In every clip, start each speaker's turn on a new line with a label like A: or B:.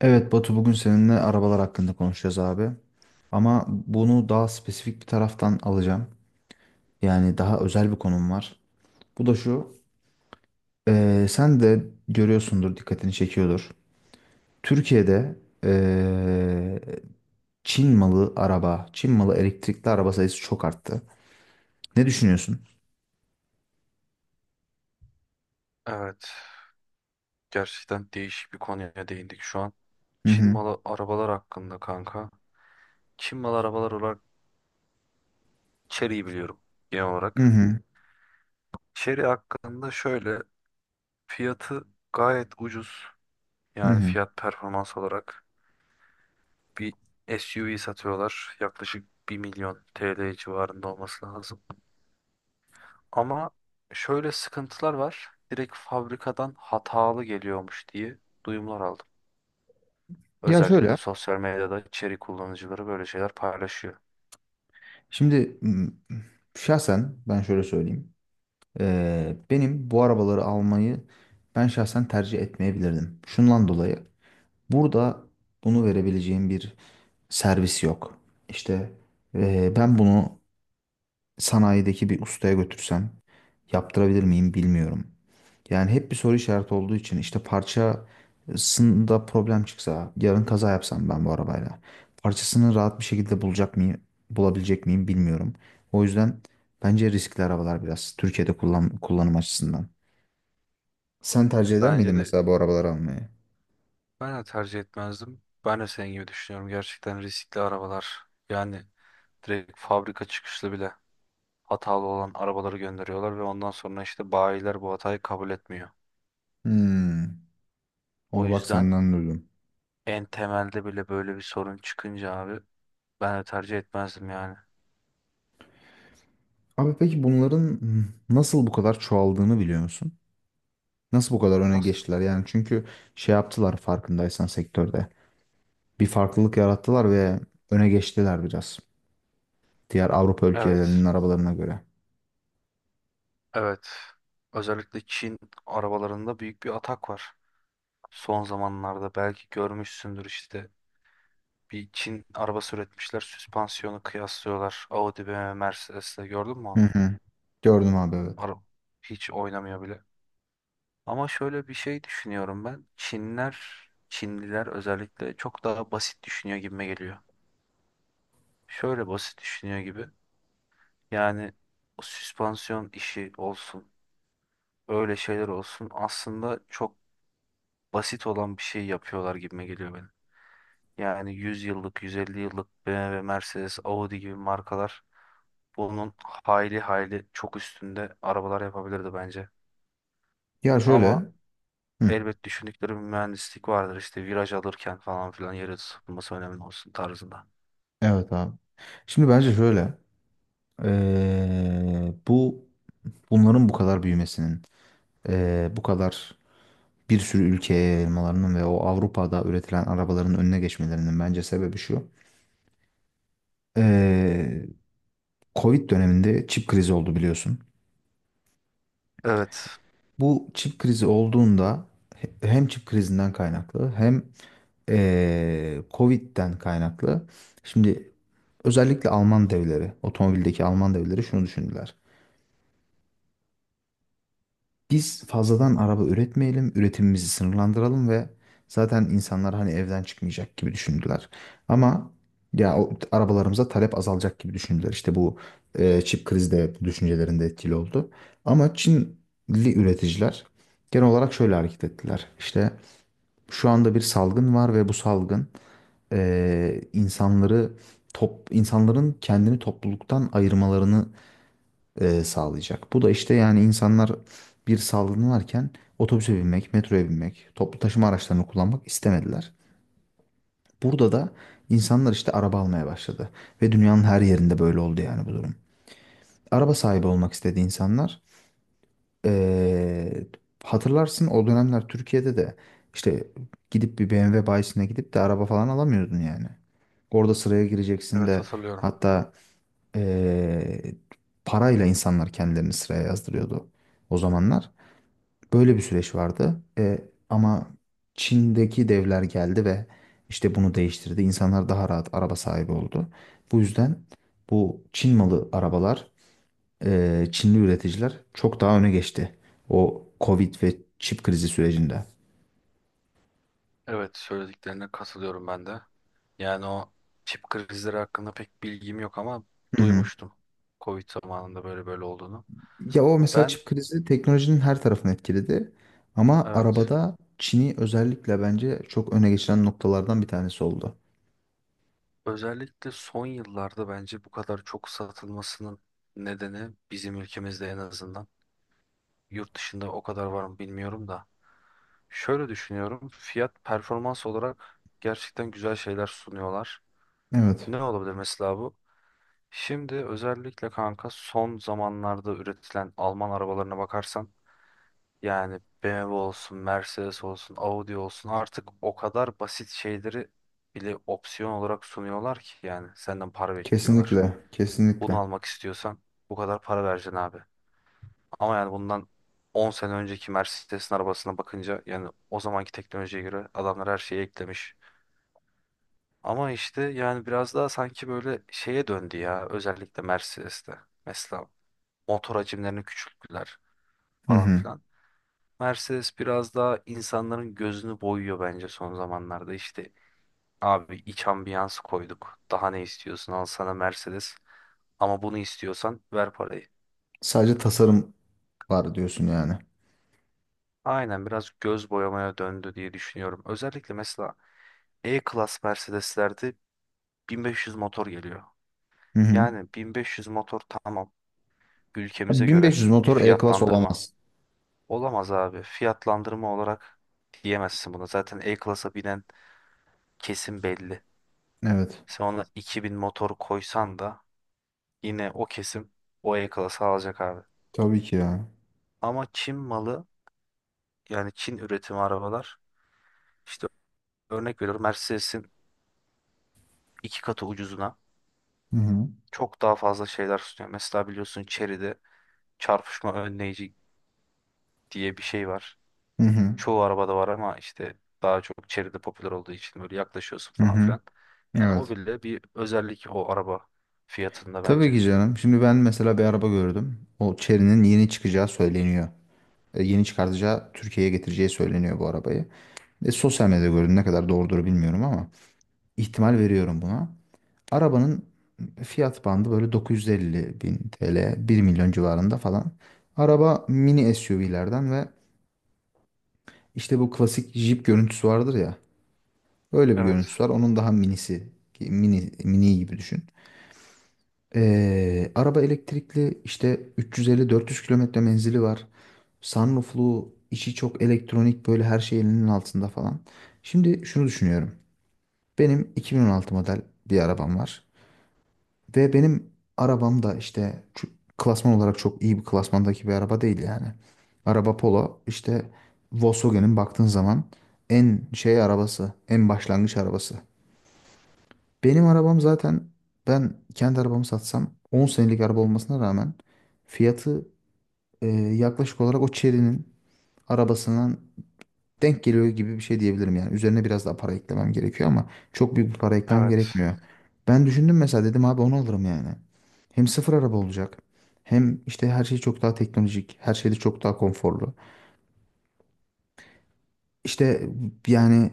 A: Evet Batu bugün seninle arabalar hakkında konuşacağız abi. Ama bunu daha spesifik bir taraftan alacağım. Yani daha özel bir konum var. Bu da şu. Sen de görüyorsundur, dikkatini çekiyordur. Türkiye'de eee, Çin malı araba, Çin malı elektrikli araba sayısı çok arttı. Ne düşünüyorsun?
B: Evet, gerçekten değişik bir konuya değindik şu an.
A: Hı
B: Çin
A: hı.
B: malı arabalar hakkında kanka. Çin malı arabalar olarak Chery'yi biliyorum genel
A: Hı
B: olarak.
A: hı.
B: Chery hakkında şöyle fiyatı gayet ucuz.
A: Hı
B: Yani
A: hı.
B: fiyat performans olarak bir SUV satıyorlar. Yaklaşık 1.000.000 TL civarında olması lazım. Ama şöyle sıkıntılar var. Direkt fabrikadan hatalı geliyormuş diye duyumlar aldım.
A: Ya şöyle.
B: Özellikle sosyal medyada Chery kullanıcıları böyle şeyler paylaşıyor.
A: Şimdi şahsen ben şöyle söyleyeyim. Benim bu arabaları almayı ben şahsen tercih etmeyebilirdim. Şundan dolayı burada bunu verebileceğim bir servis yok. İşte ben bunu sanayideki bir ustaya götürsem yaptırabilir miyim bilmiyorum. Yani hep bir soru işareti olduğu için işte parçasında problem çıksa yarın kaza yapsam ben bu arabayla parçasını rahat bir şekilde bulacak mıyım, bulabilecek miyim bilmiyorum. O yüzden bence riskli arabalar biraz Türkiye'de kullanım açısından. Sen tercih eder miydin
B: Bence de
A: mesela bu arabaları almayı?
B: ben de tercih etmezdim. Ben de senin gibi düşünüyorum. Gerçekten riskli arabalar. Yani direkt fabrika çıkışlı bile hatalı olan arabaları gönderiyorlar ve ondan sonra işte bayiler bu hatayı kabul etmiyor.
A: Hmm,
B: O
A: onu bak
B: yüzden
A: senden duydum.
B: en temelde bile böyle bir sorun çıkınca abi ben de tercih etmezdim yani.
A: Abi peki bunların nasıl bu kadar çoğaldığını biliyor musun? Nasıl bu kadar öne
B: Nasıl?
A: geçtiler? Yani çünkü şey yaptılar farkındaysan sektörde. Bir farklılık yarattılar ve öne geçtiler biraz. Diğer Avrupa
B: Evet.
A: ülkelerinin arabalarına göre.
B: Evet. Özellikle Çin arabalarında büyük bir atak var. Son zamanlarda belki görmüşsündür işte bir Çin arabası üretmişler. Süspansiyonu kıyaslıyorlar. Audi, BMW, Mercedes'le gördün mü
A: Hı
B: onu?
A: hı. Gördüm abi, evet.
B: Araba hiç oynamıyor bile. Ama şöyle bir şey düşünüyorum ben. Çinliler özellikle çok daha basit düşünüyor gibime geliyor. Şöyle basit düşünüyor gibi. Yani o süspansiyon işi olsun, öyle şeyler olsun aslında çok basit olan bir şey yapıyorlar gibime geliyor benim. Yani 100 yıllık, 150 yıllık BMW, Mercedes, Audi gibi markalar bunun hayli hayli çok üstünde arabalar yapabilirdi bence.
A: Ya şöyle.
B: Ama
A: Hı.
B: elbet düşündükleri bir mühendislik vardır işte viraj alırken falan filan yere tutulması önemli olsun tarzında.
A: Evet abi. Şimdi bence şöyle. Bu bunların bu kadar büyümesinin, bu kadar bir sürü ülkeye yayılmalarının ve o Avrupa'da üretilen arabaların önüne geçmelerinin bence sebebi şu. Ee, Covid döneminde çip krizi oldu biliyorsun.
B: Evet,
A: Bu çip krizi olduğunda hem çip krizinden kaynaklı hem Covid'den kaynaklı. Şimdi özellikle Alman devleri, otomobildeki Alman devleri şunu düşündüler. Biz fazladan araba üretmeyelim, üretimimizi sınırlandıralım ve zaten insanlar hani evden çıkmayacak gibi düşündüler. Ama ya o arabalarımıza talep azalacak gibi düşündüler. İşte bu çip krizi de bu düşüncelerinde etkili oldu. Ama Çinli üreticiler genel olarak şöyle hareket ettiler. İşte şu anda bir salgın var ve bu salgın insanları insanların kendini topluluktan ayırmalarını sağlayacak. Bu da işte yani insanlar bir salgınlarken otobüse binmek, metroya binmek, toplu taşıma araçlarını kullanmak istemediler. Burada da insanlar işte araba almaya başladı. Ve dünyanın her yerinde böyle oldu yani bu durum. Araba sahibi olmak istedi insanlar. Ee, hatırlarsın o dönemler Türkiye'de de işte gidip bir BMW bayisine gidip de araba falan alamıyordun yani. Orada sıraya gireceksin
B: evet,
A: de
B: hatırlıyorum.
A: hatta ee, parayla insanlar kendilerini sıraya yazdırıyordu o zamanlar. Böyle bir süreç vardı. Ama Çin'deki devler geldi ve işte bunu değiştirdi. İnsanlar daha rahat araba sahibi oldu. Bu yüzden bu Çin malı arabalar, Çinli üreticiler çok daha öne geçti. O Covid ve çip krizi sürecinde.
B: Evet, söylediklerine katılıyorum ben de. Yani o çip krizleri hakkında pek bilgim yok ama
A: Hı hı.
B: duymuştum. Covid zamanında böyle böyle olduğunu.
A: Ya o mesela
B: Ben
A: çip krizi teknolojinin her tarafını etkiledi. Ama
B: evet.
A: arabada Çin'i özellikle bence çok öne geçiren noktalardan bir tanesi oldu.
B: Özellikle son yıllarda bence bu kadar çok satılmasının nedeni bizim ülkemizde en azından. Yurt dışında o kadar var mı bilmiyorum da. Şöyle düşünüyorum. Fiyat performans olarak gerçekten güzel şeyler sunuyorlar.
A: Evet,
B: Ne olabilir mesela bu? Şimdi özellikle kanka son zamanlarda üretilen Alman arabalarına bakarsan yani BMW olsun, Mercedes olsun, Audi olsun artık o kadar basit şeyleri bile opsiyon olarak sunuyorlar ki yani senden para bekliyorlar.
A: kesinlikle,
B: Bunu
A: kesinlikle.
B: almak istiyorsan bu kadar para vereceksin abi. Ama yani bundan 10 sene önceki Mercedes'in arabasına bakınca yani o zamanki teknolojiye göre adamlar her şeyi eklemiş. Ama işte yani biraz daha sanki böyle şeye döndü ya özellikle Mercedes'te. Mesela motor hacimlerini küçülttüler
A: Hı
B: falan
A: hı.
B: filan. Mercedes biraz daha insanların gözünü boyuyor bence son zamanlarda. İşte abi iç ambiyans koyduk. Daha ne istiyorsun? Al sana Mercedes. Ama bunu istiyorsan ver parayı.
A: Sadece tasarım var diyorsun yani.
B: Aynen, biraz göz boyamaya döndü diye düşünüyorum. Özellikle mesela E-Class Mercedes'lerde 1500 motor geliyor.
A: Hı hı.
B: Yani 1500 motor tamam,
A: Ya
B: ülkemize göre
A: 1500
B: bir
A: motor E-Class
B: fiyatlandırma.
A: olamaz.
B: Olamaz abi. Fiyatlandırma olarak diyemezsin buna. Zaten E-Class'a binen kesim belli.
A: Evet.
B: Sen ona 2000 motor koysan da yine o kesim o E-Class'ı alacak abi.
A: Tabii ki ya.
B: Ama Çin malı, yani Çin üretimi arabalar işte örnek veriyorum Mercedes'in iki katı ucuzuna
A: Hı hı.
B: çok daha fazla şeyler sunuyor. Mesela biliyorsun Chery'de çarpışma önleyici diye bir şey var.
A: Hı hı.
B: Çoğu arabada var ama işte daha çok Chery'de popüler olduğu için böyle yaklaşıyorsun
A: Hı
B: falan
A: hı.
B: filan. Yani o
A: Evet.
B: bile bir özellik o araba fiyatında
A: Tabii
B: bence.
A: ki canım. Şimdi ben mesela bir araba gördüm. O Chery'nin yeni çıkacağı söyleniyor. Yeni çıkartacağı Türkiye'ye getireceği söyleniyor bu arabayı. Sosyal medyada gördüm. Ne kadar doğrudur bilmiyorum ama ihtimal veriyorum buna. Arabanın fiyat bandı böyle 950 bin TL, 1 milyon civarında falan. Araba mini SUV'lerden ve işte bu klasik Jeep görüntüsü vardır ya. Öyle bir
B: Evet,
A: görüntüsü var. Onun daha minisi, mini, mini gibi düşün. Araba elektrikli işte 350-400 kilometre menzili var. Sunrooflu, içi çok elektronik böyle her şey elinin altında falan. Şimdi şunu düşünüyorum. Benim 2016 model bir arabam var. Ve benim arabam da işte şu klasman olarak çok iyi bir klasmandaki bir araba değil yani. Araba Polo işte Volkswagen'in baktığın zaman en şey arabası, en başlangıç arabası. Benim arabam zaten ben kendi arabamı satsam 10 senelik araba olmasına rağmen fiyatı yaklaşık olarak o Chery'nin arabasından denk geliyor gibi bir şey diyebilirim yani. Üzerine biraz daha para eklemem gerekiyor ama çok büyük bir para eklemem
B: evet.
A: gerekmiyor. Ben düşündüm mesela dedim abi onu alırım yani. Hem sıfır araba olacak. Hem işte her şey çok daha teknolojik. Her şey de çok daha konforlu. İşte yani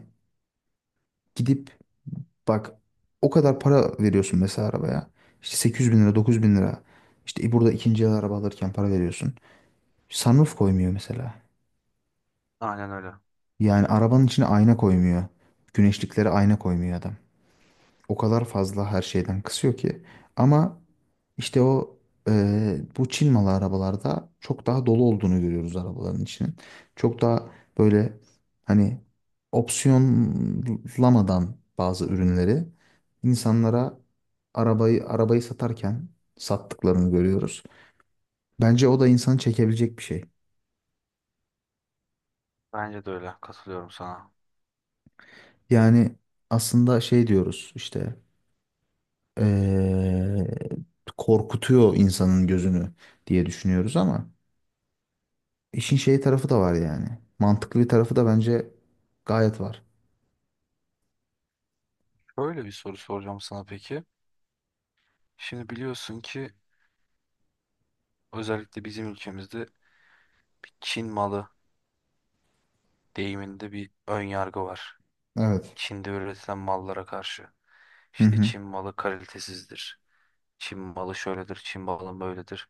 A: gidip bak, o kadar para veriyorsun mesela arabaya. İşte 800 bin lira, 900 bin lira. İşte burada ikinci el araba alırken para veriyorsun. Sunroof koymuyor mesela.
B: Aynen öyle.
A: Yani arabanın içine ayna koymuyor. Güneşliklere ayna koymuyor adam. O kadar fazla her şeyden kısıyor ki. Ama işte o bu Çin malı arabalarda çok daha dolu olduğunu görüyoruz arabaların içinin. Çok daha böyle hani opsiyonlamadan bazı ürünleri insanlara arabayı satarken sattıklarını görüyoruz. Bence o da insanı çekebilecek bir şey.
B: Bence de öyle. Katılıyorum sana.
A: Yani aslında şey diyoruz işte eee, korkutuyor insanın gözünü diye düşünüyoruz ama İşin şey tarafı da var yani. Mantıklı bir tarafı da bence gayet var.
B: Böyle bir soru soracağım sana peki. Şimdi biliyorsun ki özellikle bizim ülkemizde bir Çin malı deyiminde bir ön yargı var.
A: Evet.
B: Çin'de üretilen mallara karşı.
A: Hı
B: İşte
A: hı.
B: Çin malı kalitesizdir. Çin malı şöyledir, Çin malı böyledir.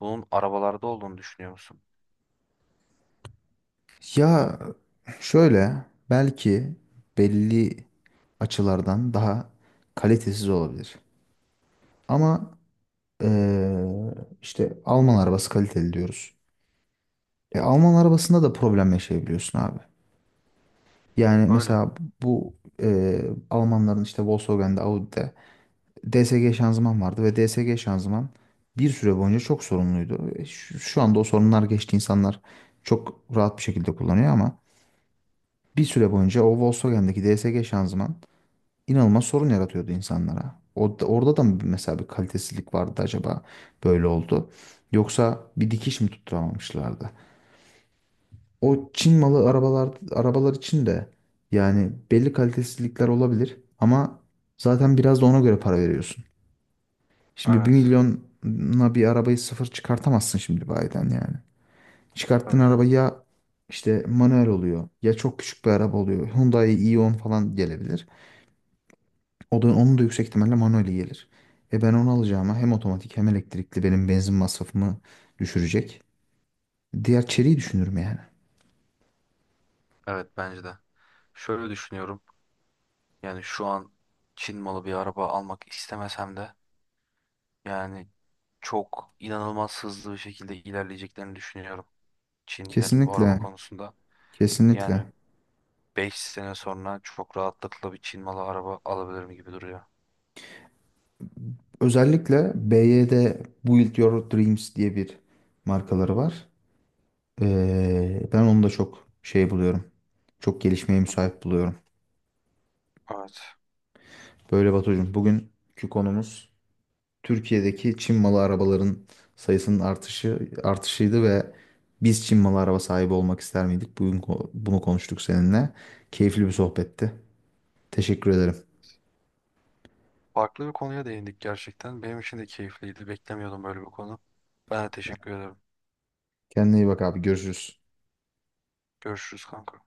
B: Bunun arabalarda olduğunu düşünüyor musun?
A: Ya şöyle belki belli açılardan daha kalitesiz olabilir. Ama eee, işte Alman arabası kaliteli diyoruz. Alman arabasında da problem yaşayabiliyorsun abi. Yani
B: Öyle.
A: mesela bu Almanların işte Volkswagen'de, Audi'de DSG şanzıman vardı ve DSG şanzıman bir süre boyunca çok sorunluydu. Şu anda o sorunlar geçti. İnsanlar çok rahat bir şekilde kullanıyor ama bir süre boyunca o Volkswagen'deki DSG şanzıman inanılmaz sorun yaratıyordu insanlara. Orada da mı mesela bir kalitesizlik vardı acaba böyle oldu? Yoksa bir dikiş mi tutturamamışlardı? O Çin malı
B: A-
A: arabalar için de yani belli kalitesizlikler olabilir ama zaten biraz da ona göre para veriyorsun. Şimdi bir
B: Evet.
A: milyona bir arabayı sıfır çıkartamazsın şimdi bayiden yani. Çıkarttığın
B: Tabii
A: araba
B: canım.
A: ya işte manuel oluyor ya çok küçük bir araba oluyor. Hyundai i10 falan gelebilir. O da, onun da yüksek ihtimalle manueli gelir. Ben onu alacağıma hem otomatik hem elektrikli benim benzin masrafımı düşürecek. Diğer çeliği düşünürüm yani.
B: Evet, bence de. Şöyle düşünüyorum. Yani şu an Çin malı bir araba almak istemesem de yani çok inanılmaz hızlı bir şekilde ilerleyeceklerini düşünüyorum. Çinlilerin bu araba
A: Kesinlikle.
B: konusunda. Yani
A: Kesinlikle.
B: 5 sene sonra çok rahatlıkla bir Çin malı araba alabilirim gibi duruyor.
A: Özellikle BYD Build Your Dreams diye bir markaları var. Ben onu da çok şey buluyorum. Çok gelişmeye
B: Hı hı.
A: müsait buluyorum.
B: Evet.
A: Böyle Batucuğum, bugünkü konumuz Türkiye'deki Çin malı arabaların sayısının artışıydı ve biz Çin malı araba sahibi olmak ister miydik? Bugün bunu konuştuk seninle. Keyifli bir sohbetti. Teşekkür ederim.
B: Farklı bir konuya değindik gerçekten. Benim için de keyifliydi. Beklemiyordum böyle bir konu. Ben de teşekkür ederim.
A: Kendine iyi bak abi. Görüşürüz.
B: Görüşürüz kanka.